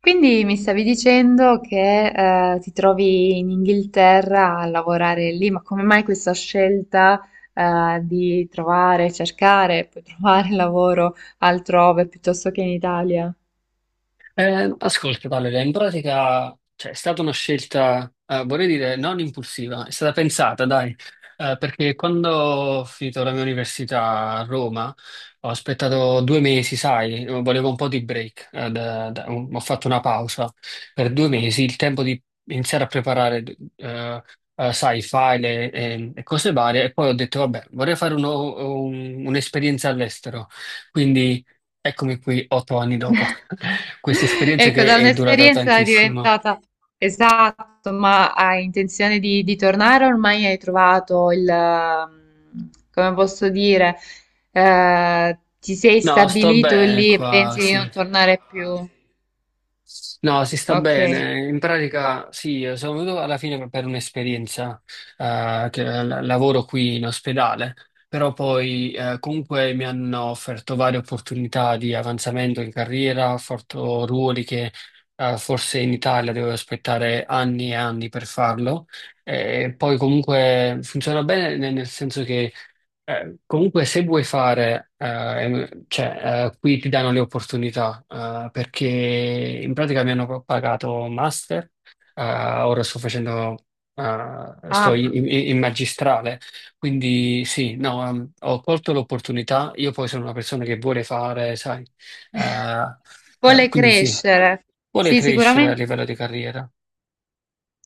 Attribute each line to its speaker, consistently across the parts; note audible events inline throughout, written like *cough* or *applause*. Speaker 1: Quindi mi stavi dicendo che ti trovi in Inghilterra a lavorare lì, ma come mai questa scelta di trovare, cercare, poi *laughs* trovare lavoro altrove piuttosto che in Italia?
Speaker 2: Ascolta, Valeria, in pratica, cioè, è stata una scelta, vorrei dire, non impulsiva, è stata pensata, dai. Perché quando ho finito la mia università a Roma, ho aspettato 2 mesi, sai, volevo un po' di break, ho fatto una pausa per 2 mesi, il tempo di iniziare a preparare, eh, sai, file e cose varie, e poi ho detto, vabbè, vorrei fare un'esperienza all'estero. Eccomi qui 8 anni dopo *laughs* questa
Speaker 1: *laughs*
Speaker 2: esperienza
Speaker 1: Ecco,
Speaker 2: che
Speaker 1: da
Speaker 2: è durata
Speaker 1: un'esperienza è
Speaker 2: tantissimo.
Speaker 1: diventata esatto, ma hai intenzione di tornare? Ormai hai trovato il, come posso dire, ti sei
Speaker 2: No, sto
Speaker 1: stabilito
Speaker 2: bene
Speaker 1: lì e
Speaker 2: qua,
Speaker 1: pensi di non
Speaker 2: sì.
Speaker 1: tornare più?
Speaker 2: No, si sta
Speaker 1: Ok.
Speaker 2: bene. In pratica, sì, sono venuto alla fine per un'esperienza, lavoro qui in ospedale. Però poi, comunque mi hanno offerto varie opportunità di avanzamento in carriera, ho fatto ruoli che, forse in Italia dovevo aspettare anni e anni per farlo. E poi comunque funziona bene nel senso che comunque, se vuoi fare, cioè, qui ti danno le opportunità, perché in pratica mi hanno pagato master, ora sto facendo, sto
Speaker 1: Ah,
Speaker 2: in magistrale, quindi sì, no, ho colto l'opportunità, io poi sono una persona che vuole fare, sai, eh,
Speaker 1: *laughs* vuole
Speaker 2: quindi sì,
Speaker 1: crescere.
Speaker 2: vuole
Speaker 1: Sì,
Speaker 2: crescere a
Speaker 1: sicuramente.
Speaker 2: livello di carriera.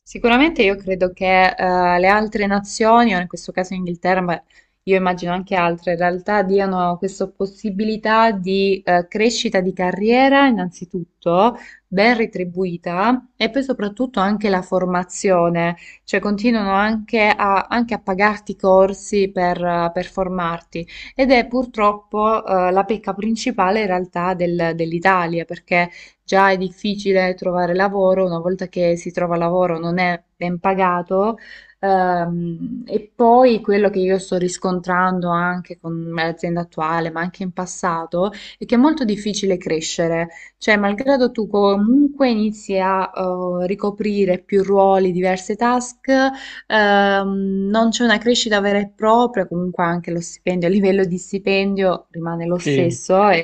Speaker 1: Sicuramente io credo che le altre nazioni, o in questo caso Inghilterra, ma io immagino anche altre, in realtà diano questa possibilità di crescita di carriera, innanzitutto, ben retribuita, e poi soprattutto anche la formazione, cioè continuano anche a, anche a pagarti corsi per formarti. Ed è purtroppo la pecca principale in realtà dell'Italia, perché già è difficile trovare lavoro, una volta che si trova lavoro non è ben pagato. E poi quello che io sto riscontrando anche con l'azienda attuale, ma anche in passato, è che è molto difficile crescere. Cioè, malgrado tu comunque inizi a ricoprire più ruoli, diverse task, non c'è una crescita vera e propria, comunque anche lo stipendio, a livello di stipendio rimane lo
Speaker 2: Sì.
Speaker 1: stesso, è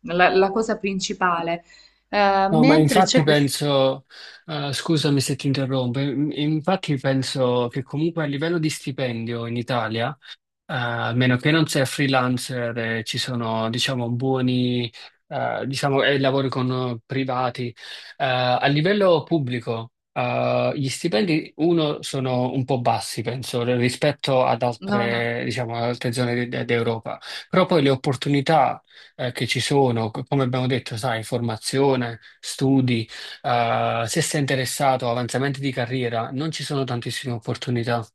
Speaker 1: la cosa principale.
Speaker 2: No, ma
Speaker 1: Mentre c'è
Speaker 2: infatti
Speaker 1: questo,
Speaker 2: penso, scusami se ti interrompo, infatti penso che comunque a livello di stipendio in Italia, a meno che non sei freelancer, ci sono, diciamo, buoni, diciamo, e lavori con privati. A livello pubblico, gli stipendi, uno, sono un po' bassi, penso, rispetto ad
Speaker 1: no, no.
Speaker 2: altre, diciamo, ad altre zone d'Europa. Però poi le opportunità, che ci sono, come abbiamo detto, sai, formazione, studi, se sei interessato a avanzamenti di carriera, non ci sono tantissime opportunità.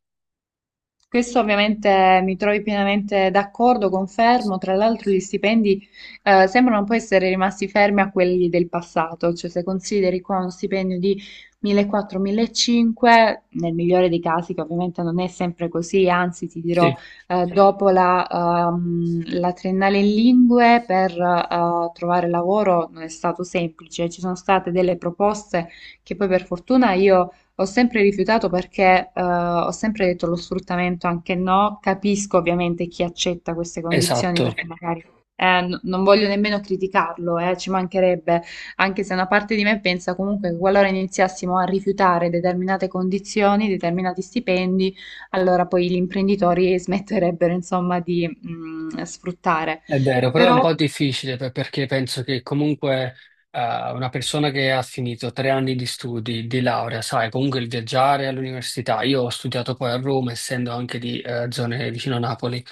Speaker 1: Questo ovviamente mi trovi pienamente d'accordo, confermo. Tra l'altro, gli stipendi sembrano un po' essere rimasti fermi a quelli del passato, cioè se consideri qua uno stipendio di 1400-1500, nel migliore dei casi, che ovviamente non è sempre così, anzi, ti dirò,
Speaker 2: Sì,
Speaker 1: dopo la, la triennale in lingue per trovare lavoro non è stato semplice, ci sono state delle proposte che poi per fortuna io ho sempre rifiutato perché ho sempre detto lo sfruttamento anche no, capisco ovviamente chi accetta queste condizioni
Speaker 2: esatto.
Speaker 1: perché magari non voglio nemmeno criticarlo, ci mancherebbe, anche se una parte di me pensa comunque che qualora iniziassimo a rifiutare determinate condizioni, determinati stipendi, allora poi gli imprenditori *laughs* smetterebbero insomma di sfruttare.
Speaker 2: È vero, però è un po'
Speaker 1: Però,
Speaker 2: difficile perché penso che comunque eh, una persona che ha finito 3 anni di studi, di laurea, sai, comunque il viaggiare all'università, io ho studiato poi a Roma, essendo anche di zone vicino a Napoli,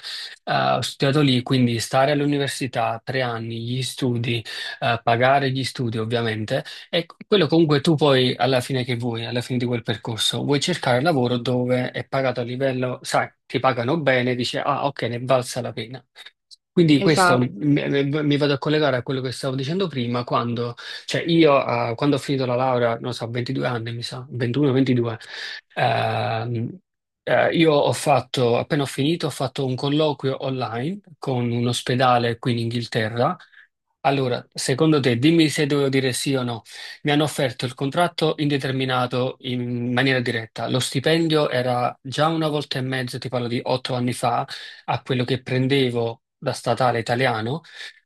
Speaker 2: ho studiato lì, quindi stare all'università 3 anni, gli studi, pagare gli studi ovviamente, e quello comunque tu poi alla fine che vuoi, alla fine di quel percorso, vuoi cercare lavoro dove è pagato a livello, sai, ti pagano bene, dici, ah ok, ne è valsa la pena. Quindi questo
Speaker 1: esatto.
Speaker 2: mi vado a collegare a quello che stavo dicendo prima, quando, cioè io, quando ho finito la laurea, non so, 22 anni mi sa, 21-22, ehm, io ho fatto, appena ho finito, ho fatto un colloquio online con un ospedale qui in Inghilterra, allora, secondo te, dimmi se devo dire sì o no. Mi hanno offerto il contratto indeterminato in maniera diretta. Lo stipendio era già una volta e mezzo, ti parlo di 8 anni fa, a quello che prendevo da statale italiano.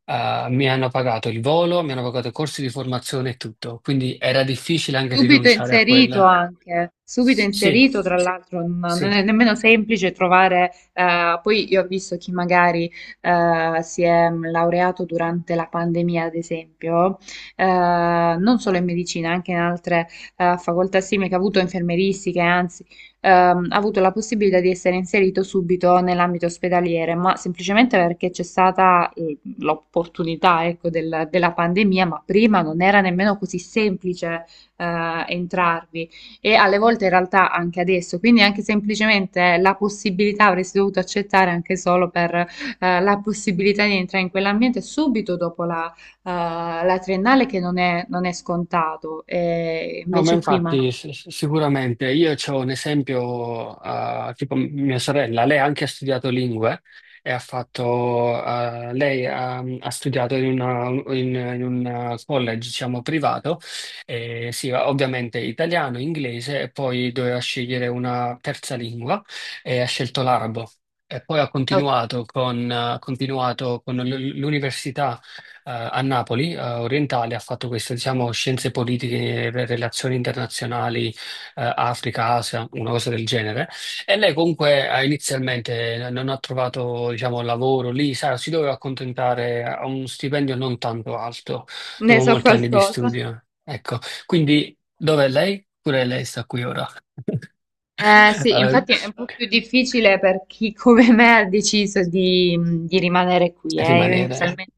Speaker 2: Mi hanno pagato il volo, mi hanno pagato i corsi di formazione e tutto. Quindi era difficile anche
Speaker 1: Subito
Speaker 2: rinunciare a
Speaker 1: inserito
Speaker 2: quella.
Speaker 1: anche, subito
Speaker 2: Sì,
Speaker 1: inserito, tra l'altro non non
Speaker 2: sì.
Speaker 1: è nemmeno semplice trovare, poi io ho visto chi magari si è laureato durante la pandemia, ad esempio, non solo in medicina, anche in altre facoltà simili, che ha avuto infermieristiche, anzi, ha avuto la possibilità di essere inserito subito nell'ambito ospedaliere, ma semplicemente perché c'è stata l'opportunità, ecco, della pandemia, ma prima non era nemmeno così semplice entrarvi e alle volte in realtà anche adesso, quindi anche semplicemente la possibilità avresti dovuto accettare anche solo per la possibilità di entrare in quell'ambiente subito dopo la, eh, la triennale che non è, non è scontato e
Speaker 2: No, ma
Speaker 1: invece qui manca.
Speaker 2: infatti sicuramente io ho un esempio, tipo mia sorella, lei anche ha studiato lingue e ha fatto, lei ha studiato in un college, diciamo, privato, e sì, ovviamente italiano, inglese e poi doveva scegliere una terza lingua e ha scelto l'arabo. E poi ha
Speaker 1: Oh,
Speaker 2: continuato con, ha continuato con l'università a Napoli, orientale, ha fatto questo, diciamo, scienze politiche, relazioni internazionali, Africa, Asia, una cosa del genere. E lei comunque inizialmente non ha trovato, diciamo, lavoro lì, sa, si doveva accontentare a un stipendio non tanto alto,
Speaker 1: ne
Speaker 2: dopo
Speaker 1: so
Speaker 2: molti anni di
Speaker 1: qualcosa.
Speaker 2: studio. Ecco, quindi dov'è lei? Pure lei sta qui ora. *laughs*
Speaker 1: Eh sì,
Speaker 2: Eh,
Speaker 1: infatti è un po' più difficile per chi come me ha deciso di rimanere qui. Io
Speaker 2: rimanere.
Speaker 1: inizialmente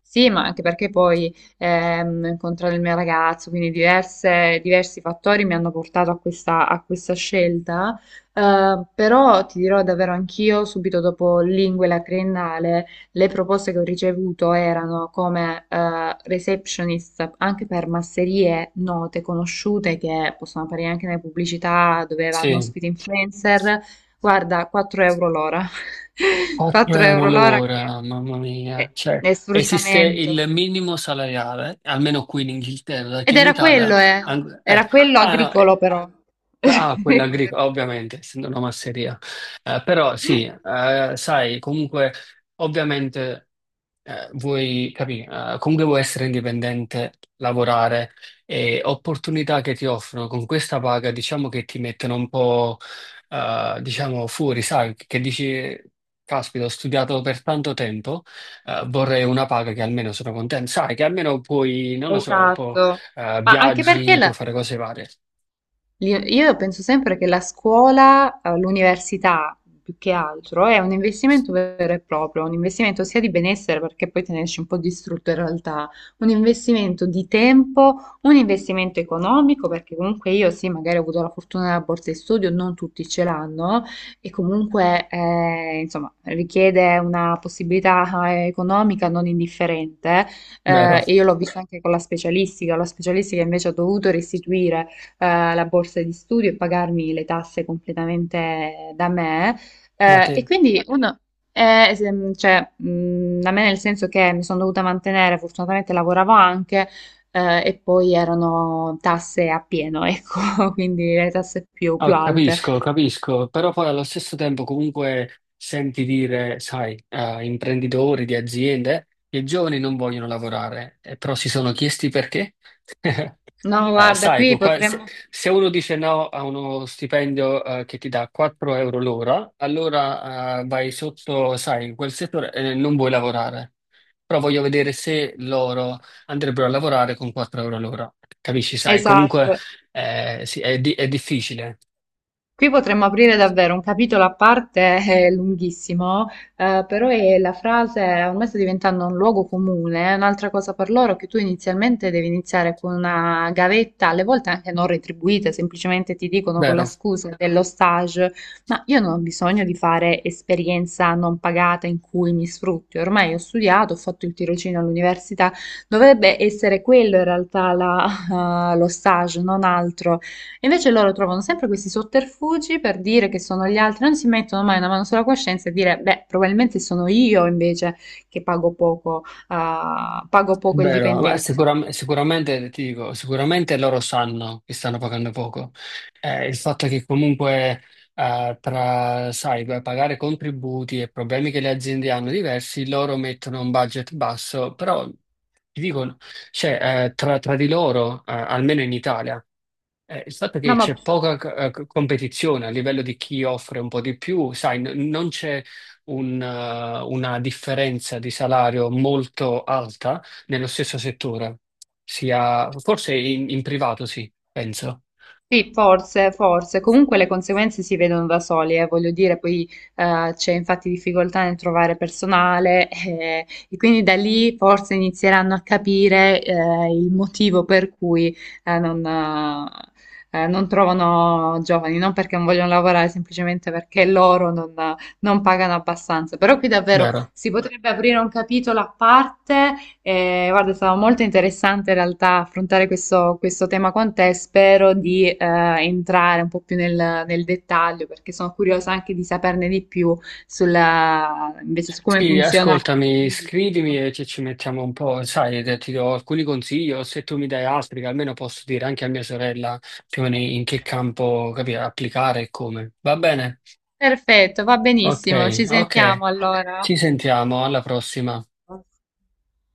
Speaker 1: sì, ma anche perché poi ho incontrato il mio ragazzo, quindi diversi fattori mi hanno portato a questa scelta. Però ti dirò davvero anch'io, subito dopo lingue la triennale. Le proposte che ho ricevuto erano come receptionist anche per masserie note, conosciute, che possono apparire anche nelle pubblicità dove vanno
Speaker 2: Sì.
Speaker 1: ospiti influencer. Guarda, 4 euro l'ora. *laughs*
Speaker 2: 4
Speaker 1: 4
Speaker 2: euro
Speaker 1: euro l'ora che
Speaker 2: l'ora, mamma mia.
Speaker 1: è,
Speaker 2: Cioè,
Speaker 1: è
Speaker 2: esiste
Speaker 1: sfruttamento.
Speaker 2: il minimo salariale, almeno qui in Inghilterra, perché
Speaker 1: Ed
Speaker 2: in
Speaker 1: era
Speaker 2: Italia...
Speaker 1: quello, eh.
Speaker 2: an- eh,
Speaker 1: Era quello
Speaker 2: ah, no,
Speaker 1: agricolo però.
Speaker 2: ah, quella
Speaker 1: *laughs*
Speaker 2: agricola, ovviamente, essendo una masseria. Però sì, sai, comunque, ovviamente vuoi capire, comunque vuoi essere indipendente, lavorare e opportunità che ti offrono con questa paga, diciamo che ti mettono un po', diciamo, fuori, sai, che dici, caspita, ho studiato per tanto tempo, vorrei una paga che almeno sono contento, sai, che almeno puoi, non lo so, può,
Speaker 1: Esatto. Ma anche perché
Speaker 2: viaggi, puoi fare cose varie,
Speaker 1: Io penso sempre che la scuola, l'università più che altro, è un investimento vero e proprio, un investimento sia di benessere, perché poi te ne esci un po' distrutto in realtà, un investimento di tempo, un investimento economico, perché comunque io sì, magari ho avuto la fortuna della borsa di studio, non tutti ce l'hanno, e comunque insomma richiede una possibilità economica non indifferente,
Speaker 2: vero?
Speaker 1: e io l'ho visto anche con la specialistica invece ho dovuto restituire la borsa di studio e pagarmi le tasse completamente da me.
Speaker 2: Ma
Speaker 1: E
Speaker 2: te?
Speaker 1: quindi uno, cioè, da me nel senso che mi sono dovuta mantenere, fortunatamente lavoravo anche, e poi erano tasse a pieno, ecco, *laughs* quindi le tasse più,
Speaker 2: Ah,
Speaker 1: più alte.
Speaker 2: capisco, capisco, però poi allo stesso tempo comunque senti dire, sai, a imprenditori di aziende che i giovani non vogliono lavorare, però si sono chiesti perché. *laughs*
Speaker 1: No, guarda,
Speaker 2: Sai,
Speaker 1: qui potremmo...
Speaker 2: se uno dice no a uno stipendio, che ti dà 4 euro l'ora, allora vai sotto, sai, in quel settore e non vuoi lavorare. Però voglio vedere se loro andrebbero a lavorare con 4 euro l'ora. Capisci? Sai,
Speaker 1: Esatto.
Speaker 2: comunque sì, è difficile.
Speaker 1: Qui potremmo aprire davvero un capitolo a parte, *laughs* lunghissimo, però è la frase ormai sta diventando un luogo comune. Un'altra cosa per loro è che tu inizialmente devi iniziare con una gavetta, alle volte anche non retribuita, semplicemente ti dicono con
Speaker 2: Vero.
Speaker 1: la scusa dello stage, ma io non ho bisogno di fare esperienza non pagata in cui mi sfrutti. Ormai ho studiato, ho fatto il tirocinio all'università, dovrebbe essere quello in realtà *laughs* lo stage, non altro. E invece loro trovano sempre questi sotterfugi per dire che sono gli altri, non si mettono mai una mano sulla coscienza e dire, beh, probabilmente sono io invece che pago poco, ah, pago
Speaker 2: È
Speaker 1: poco il
Speaker 2: vero, ma
Speaker 1: dipendente.
Speaker 2: sicuramente, ti dico, sicuramente loro sanno che stanno pagando poco. Il fatto è che comunque sai, per pagare contributi e problemi che le aziende hanno diversi, loro mettono un budget basso, però ti dico, cioè, tra di loro, almeno in Italia, il fatto è che
Speaker 1: No, ma
Speaker 2: c'è poca competizione a livello di chi offre un po' di più, sai, non c'è una differenza di salario molto alta nello stesso settore, sia forse in privato sì, penso,
Speaker 1: sì, forse, forse. Comunque le conseguenze si vedono da soli, voglio dire, poi c'è infatti difficoltà nel trovare personale *laughs* e quindi da lì forse inizieranno a capire il motivo per cui non trovano giovani, non perché non vogliono lavorare, semplicemente perché loro non, non pagano abbastanza. Però qui davvero
Speaker 2: vero?
Speaker 1: si potrebbe aprire un capitolo a parte. Guarda, è stato molto interessante in realtà affrontare questo, questo tema con te. Spero di entrare un po' più nel, nel dettaglio perché sono curiosa anche di saperne di più sulla, invece su come
Speaker 2: Sì,
Speaker 1: funziona.
Speaker 2: ascoltami, scrivimi e ci mettiamo un po', sai, ti do alcuni consigli o se tu mi dai altri che almeno posso dire anche a mia sorella più o meno in che campo, capire, applicare e come. Va bene?
Speaker 1: Perfetto, va
Speaker 2: Ok,
Speaker 1: benissimo. Ci
Speaker 2: ok.
Speaker 1: sentiamo allora.
Speaker 2: Ci sentiamo, alla prossima.